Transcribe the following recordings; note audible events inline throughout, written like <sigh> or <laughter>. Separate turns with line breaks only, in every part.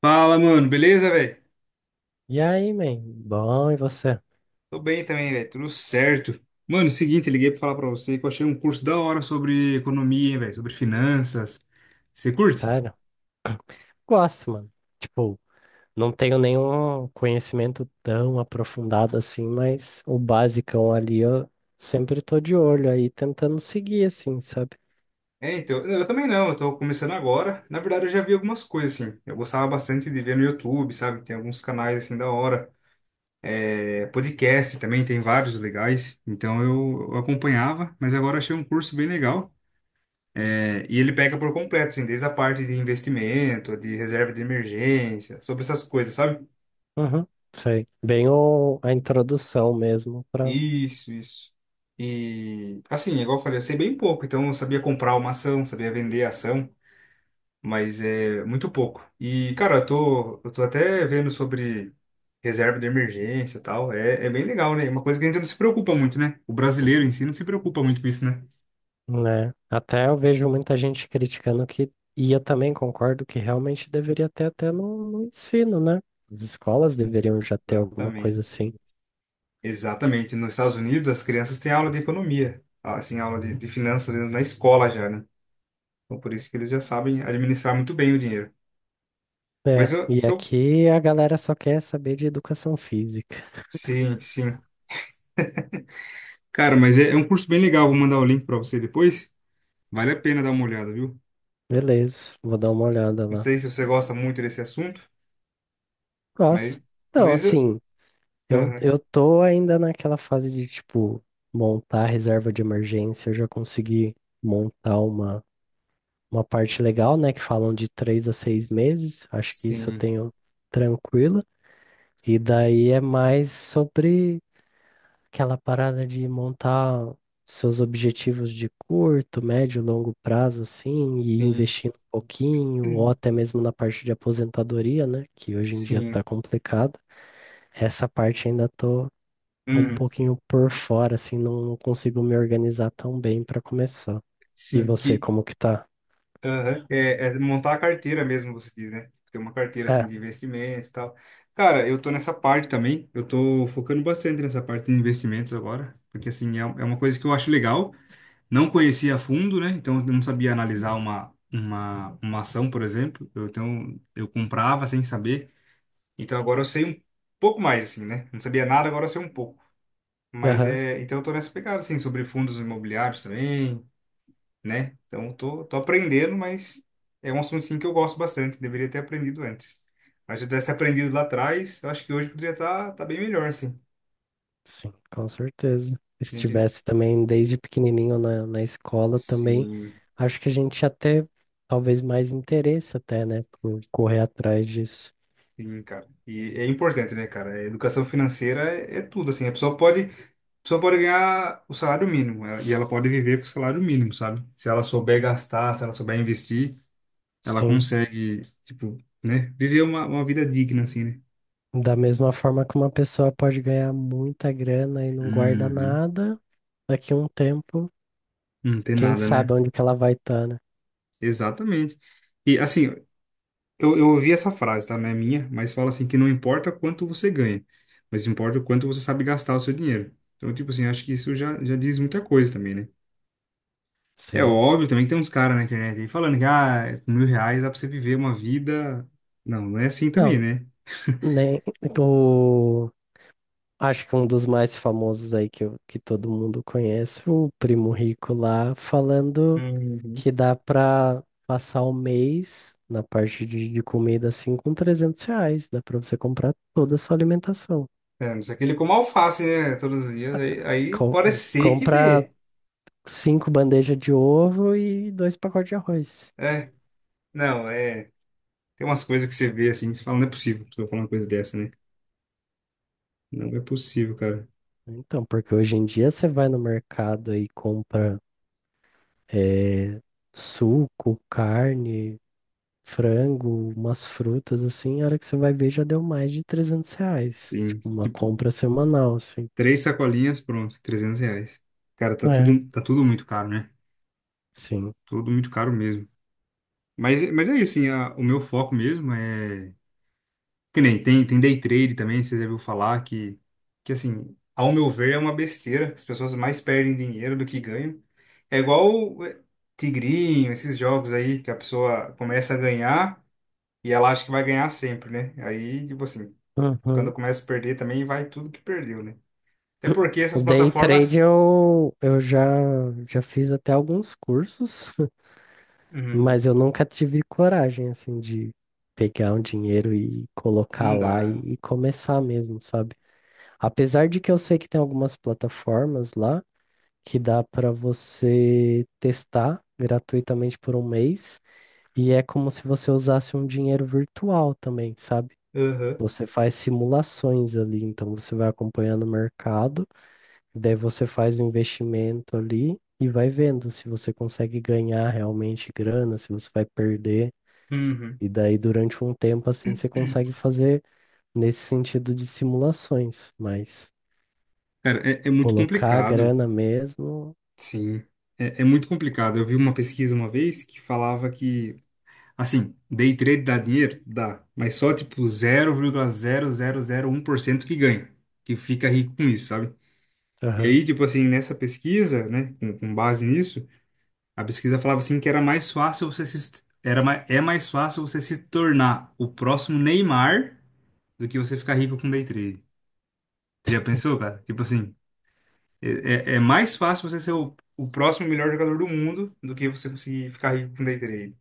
Fala, mano, beleza, velho?
E aí, man? Bom, e você?
Tô bem também, velho, tudo certo. Mano, seguinte, liguei pra falar pra você que eu achei um curso da hora sobre economia, hein, velho, sobre finanças. Você curte?
Sério? Gosto, mano. Tipo, não tenho nenhum conhecimento tão aprofundado assim, mas o basicão ali eu sempre tô de olho aí, tentando seguir assim, sabe?
É, então, eu também não, eu tô começando agora. Na verdade, eu já vi algumas coisas, assim. Eu gostava bastante de ver no YouTube, sabe? Tem alguns canais, assim, da hora. É, podcast também, tem vários legais. Então, eu acompanhava, mas agora achei um curso bem legal. É, e ele pega por completo, assim, desde a parte de investimento, de reserva de emergência, sobre essas coisas, sabe?
Uhum, sei. Bem a introdução mesmo pra,
Isso, isso. E assim, é igual eu falei, eu sei bem pouco, então eu sabia comprar uma ação, sabia vender a ação, mas é muito pouco. E, cara, eu tô até vendo sobre reserva de emergência e tal. É, é bem legal, né? É uma coisa que a gente não se preocupa muito, né? O brasileiro em si não se preocupa muito com isso, né?
né? Até eu vejo muita gente criticando que, e eu também concordo que realmente deveria ter até no ensino, né? As escolas deveriam já ter alguma coisa
Exatamente.
assim.
Exatamente. Nos Estados Unidos, as crianças têm aula de economia, assim, aula de finanças mesmo na escola já, né? Então, por isso que eles já sabem administrar muito bem o dinheiro. Mas
É,
eu
e
tô.
aqui a galera só quer saber de educação física.
Sim, sim. Cara, mas é, é um curso bem legal, vou mandar o link para você depois. Vale a pena dar uma olhada, viu?
Beleza, vou dar uma olhada
Não
lá.
sei se você gosta muito desse assunto,
Gosto.
mas,
Então,
mas eu-
assim, eu,
aham.
eu tô ainda naquela fase de, tipo, montar reserva de emergência. Eu já consegui montar uma parte legal, né? Que falam de 3 a 6 meses. Acho que isso eu
Sim,
tenho tranquilo. E daí é mais sobre aquela parada de montar seus objetivos de curto, médio, longo prazo, assim, e
sim,
investindo um pouquinho, ou até mesmo na parte de aposentadoria, né? Que hoje em dia
sim,
tá complicado. Essa parte ainda tô um
uhum,
pouquinho por fora, assim, não consigo me organizar tão bem para começar. E
sim,
você,
que
como que tá?
aham. É, é montar a carteira mesmo, você diz, né? Ter uma carteira assim
É,
de investimentos e tal. Cara, eu tô nessa parte também. Eu tô focando bastante nessa parte de investimentos agora, porque assim é, é uma coisa que eu acho legal. Não conhecia a fundo, né? Então eu não sabia analisar uma ação, por exemplo. Eu, então eu comprava sem saber. Então agora eu sei um pouco mais, assim, né? Não sabia nada, agora eu sei um pouco. Mas
aham.
é. Então eu tô nessa pegada, assim, sobre fundos imobiliários também, né? Então eu tô, tô aprendendo, mas é um assunto, assim, que eu gosto bastante. Deveria ter aprendido antes. Mas se eu tivesse aprendido lá atrás, eu acho que hoje poderia estar tá, tá bem melhor, assim.
Sim, com certeza.
A
Se
gente,
tivesse também desde pequenininho na escola também,
sim.
acho que a gente ia ter talvez mais interesse até, né, por correr atrás disso.
Sim, cara. E é importante, né, cara? A educação financeira é, é tudo, assim. A pessoa pode ganhar o salário mínimo e ela pode viver com o salário mínimo, sabe? Se ela souber gastar, se ela souber investir, ela
Sim.
consegue, tipo, né, viver uma vida digna, assim, né?
Da mesma forma que uma pessoa pode ganhar muita grana e não guarda
Uhum.
nada, daqui a um tempo,
Não tem
quem
nada,
sabe
né?
onde que ela vai estar, né?
Exatamente. E assim, eu ouvi essa frase, tá? Não é minha, mas fala assim que não importa quanto você ganha, mas importa o quanto você sabe gastar o seu dinheiro. Então, tipo assim, acho que isso já, já diz muita coisa também, né? É
Sim.
óbvio também que tem uns caras na internet aí falando que, ah, com R$ 1.000 dá pra você viver uma vida. Não, não é assim também,
Não,
né?
nem o acho que um dos mais famosos aí que, que todo mundo conhece, o primo rico lá falando
Uhum.
que dá pra passar o mês na parte de comida assim com 300 reais. Dá pra você comprar toda a sua alimentação.
É, mas é aquele como alface, né? Todos os dias, aí, aí
Com,
pode ser que
compra
dê.
cinco bandejas de ovo e dois pacotes de arroz.
É, não, é. Tem umas coisas que você vê assim, que você fala, não é possível que eu falar uma coisa dessa, né? Não é possível, cara.
Então, porque hoje em dia você vai no mercado e compra eh, suco, carne, frango, umas frutas assim, a hora que você vai ver já deu mais de 300 reais.
Sim,
Tipo, uma
tipo,
compra semanal, assim.
três sacolinhas, pronto, R$ 300. Cara,
É.
tá tudo muito caro, né?
Sim.
Tudo muito caro mesmo. Mas é isso, assim, o meu foco mesmo é. Que nem tem, tem day trade também, você já viu falar que assim, ao meu ver, é uma besteira. As pessoas mais perdem dinheiro do que ganham. É igual o, eh, Tigrinho, esses jogos aí que a pessoa começa a ganhar e ela acha que vai ganhar sempre, né? Aí, tipo assim, quando
Uhum.
começa a perder também vai tudo que perdeu, né? Até porque
O
essas
day trade
plataformas.
eu, eu já fiz até alguns cursos, <laughs>
Uhum.
mas eu nunca tive coragem assim de pegar um dinheiro e colocar
Não
lá
dá.
e começar mesmo, sabe? Apesar de que eu sei que tem algumas plataformas lá que dá para você testar gratuitamente por um mês e é como se você usasse um dinheiro virtual também, sabe?
Uhum.
Você faz simulações ali, então você vai acompanhando o mercado. Daí você faz o investimento ali e vai vendo se você consegue ganhar realmente grana, se você vai perder.
Uhum.
E daí, durante um tempo, assim, você consegue fazer nesse sentido de simulações, mas
Cara, é, é muito
colocar a
complicado.
grana mesmo.
Sim. É, é muito complicado. Eu vi uma pesquisa uma vez que falava que assim, day trade dá dinheiro? Dá. Mas só tipo 0,0001% que ganha, que fica rico com isso, sabe? E
Aham,
aí, tipo assim, nessa pesquisa, né, com base nisso, a pesquisa falava assim que era mais fácil você se, era, é mais fácil você se tornar o próximo Neymar do que você ficar rico com day trade. Você já pensou, cara? Tipo assim, é, é mais fácil você ser o próximo melhor jogador do mundo do que você conseguir ficar rico com day trade.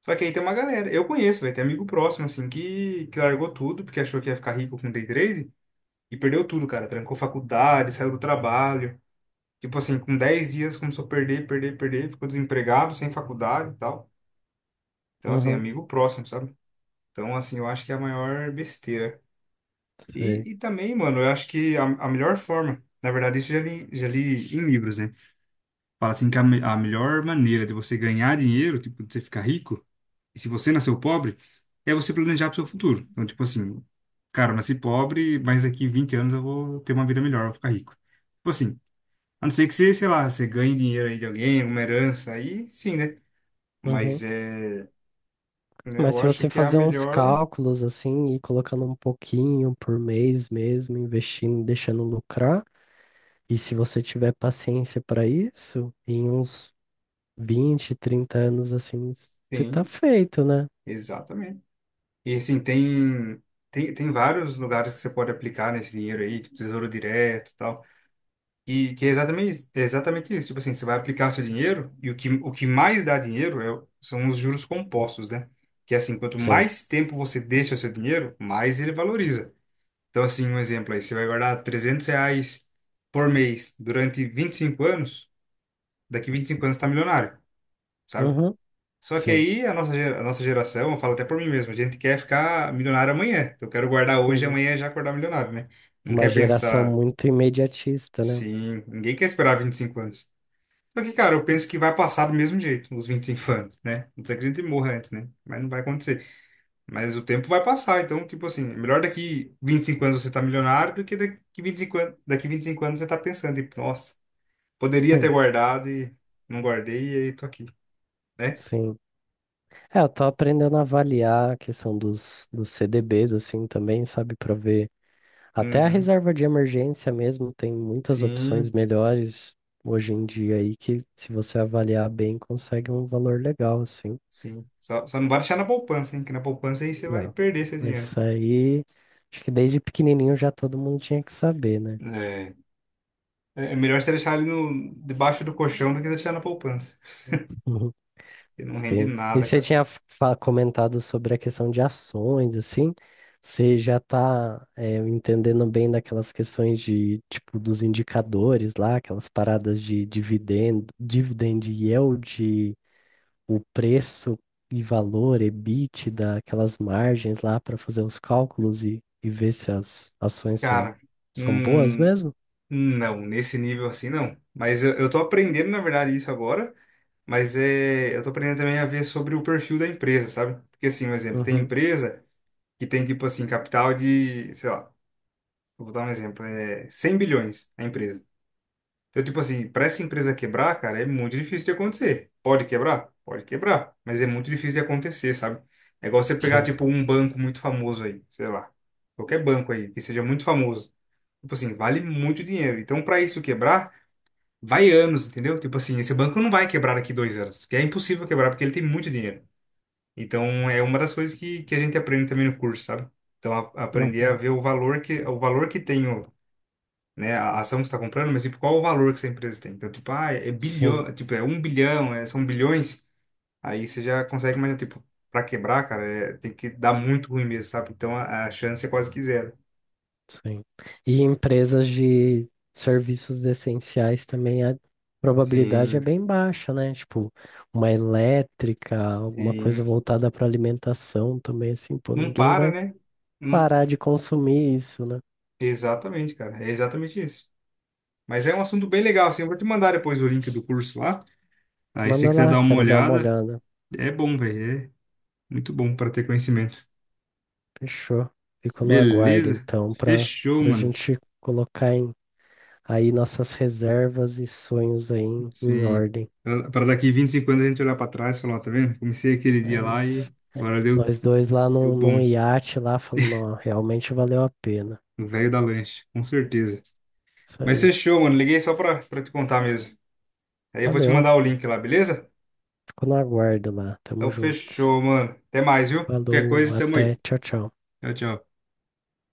Só que aí tem uma galera, eu conheço, vai ter amigo próximo, assim, que largou tudo, porque achou que ia ficar rico com day trade, e perdeu tudo, cara. Trancou faculdade, saiu do trabalho. Tipo assim, com 10 dias começou a perder, perder, perder, ficou desempregado, sem faculdade e tal. Então, assim,
uhum,
amigo próximo, sabe? Então, assim, eu acho que é a maior besteira.
sei.
E também, mano, eu acho que a melhor forma, na verdade, isso eu já li em livros, né? Fala assim que a, a melhor maneira de você ganhar dinheiro, tipo, de você ficar rico, e se você nasceu pobre, é você planejar pro seu futuro. Então, tipo assim, cara, eu nasci pobre, mas daqui 20 anos eu vou ter uma vida melhor, eu vou ficar rico. Tipo assim, a não ser que você, sei lá, você ganhe dinheiro aí de alguém, alguma herança, aí sim, né?
Uhum.
Mas é, né,
Mas
eu
se
acho
você
que é a
fazer uns
melhor,
cálculos, assim, e ir colocando um pouquinho por mês mesmo, investindo, deixando lucrar, e se você tiver paciência para isso, em uns 20, 30 anos assim, você tá
tem,
feito, né?
exatamente. E assim, tem, tem vários lugares que você pode aplicar nesse dinheiro aí, tipo Tesouro Direto e tal. E que é exatamente isso. Tipo assim, você vai aplicar o seu dinheiro e o que mais dá dinheiro é são os juros compostos, né? Que é assim, quanto
Sim.
mais tempo você deixa o seu dinheiro, mais ele valoriza. Então, assim, um exemplo aí, você vai guardar R$ 300 por mês durante 25 anos, daqui 25 anos você tá milionário, sabe?
Uhum.
Só que
Sim.
aí a nossa, a nossa geração, eu falo até por mim mesmo, a gente quer ficar milionário amanhã. Então, eu quero guardar hoje, e
Uhum.
amanhã já acordar milionário, né? Não
Uma
quer
geração
pensar,
muito imediatista, né?
sim, ninguém quer esperar 25 anos. Só que, cara, eu penso que vai passar do mesmo jeito, nos 25 anos, né? Não sei que a gente morra antes, né? Mas não vai acontecer. Mas o tempo vai passar, então, tipo assim, é melhor daqui 25 anos você tá milionário do que daqui 25 anos, daqui 25 anos você tá pensando, tipo, nossa, poderia ter
Hum,
guardado e não guardei e aí tô aqui, né?
sim. É, eu tô aprendendo a avaliar a questão dos CDBs, assim, também, sabe? Pra ver. Até a
Uhum.
reserva de emergência mesmo tem muitas opções
Sim,
melhores hoje em dia aí que, se você avaliar bem, consegue um valor legal, assim.
sim. Só, só não vai deixar na poupança, hein? Que na poupança aí você vai
Não.
perder seu dinheiro.
Isso aí, acho que desde pequenininho já todo mundo tinha que saber, né?
É. É melhor você deixar ali no, debaixo do colchão do que deixar na poupança.
<laughs>
Porque não rende
Sim. E
nada,
você
cara.
tinha comentado sobre a questão de ações, assim. Você já está entendendo bem daquelas questões de, tipo, dos indicadores lá, aquelas paradas de dividendo, dividend yield, o preço e valor, EBITDA, aquelas margens lá para fazer os cálculos e ver se as ações são,
Cara.
são boas
Hum,
mesmo?
Não, nesse nível assim não. Mas eu tô aprendendo, na verdade, isso agora. Mas é, eu tô aprendendo também a ver sobre o perfil da empresa, sabe? Porque assim, um exemplo, tem
Uhum.
empresa que tem tipo assim, capital de, sei lá, vou dar um exemplo, é 100 bilhões a empresa. Então, tipo assim, para essa empresa quebrar, cara, é muito difícil de acontecer. Pode quebrar? Pode quebrar, mas é muito difícil de acontecer, sabe? É igual você pegar
Sim.
tipo um banco muito famoso aí, sei lá, qualquer banco aí que seja muito famoso. Tipo assim, vale muito dinheiro. Então, para isso quebrar, vai anos, entendeu? Tipo assim, esse banco não vai quebrar daqui 2 anos, porque é impossível quebrar, porque ele tem muito dinheiro. Então, é uma das coisas que a gente aprende também no curso, sabe? Então, aprender a
Uhum.
ver o valor que tem o, né, a ação que você está comprando, mas tipo, qual o valor que essa empresa tem? Então, tipo, ah, é
Sim.
bilhão, tipo, é um bilhão, são bilhões, aí você já consegue imaginar, tipo, para quebrar, cara, tem que dar muito ruim mesmo, sabe? Então, a chance é quase que zero.
Sim. E empresas de serviços essenciais também a probabilidade é
Sim,
bem baixa, né? Tipo, uma elétrica, alguma coisa
sim.
voltada para alimentação também, assim, pô,
Não
ninguém
para,
vai
né? Não-
parar de consumir isso, né?
Exatamente, cara. É exatamente isso. Mas é um assunto bem legal, assim. Eu vou te mandar depois o link do curso lá. Aí se você
Manda
quiser
lá,
dar uma
quero dar uma
olhada,
olhada.
é bom, velho. É muito bom para ter conhecimento.
Fechou. Fico no aguardo,
Beleza?
então, para
Fechou,
a
mano.
gente colocar em, aí nossas reservas e sonhos aí em, em
Sim.
ordem.
Para daqui 25 anos a gente olhar para trás e falar, ó, tá vendo? Comecei aquele dia
É
lá e
isso.
agora deu,
Nós dois lá
deu
num, num
bom.
iate lá falando, ó, realmente valeu a pena.
O velho da lanche, com certeza.
Isso
Mas
aí.
fechou, mano. Liguei só pra te contar mesmo. Aí eu vou te
Valeu.
mandar o link lá, beleza?
Fico no aguardo lá.
Então
Tamo junto.
fechou, mano. Até mais, viu? Qualquer
Falou,
coisa, tamo
até.
aí.
Tchau, tchau.
Tchau, tchau.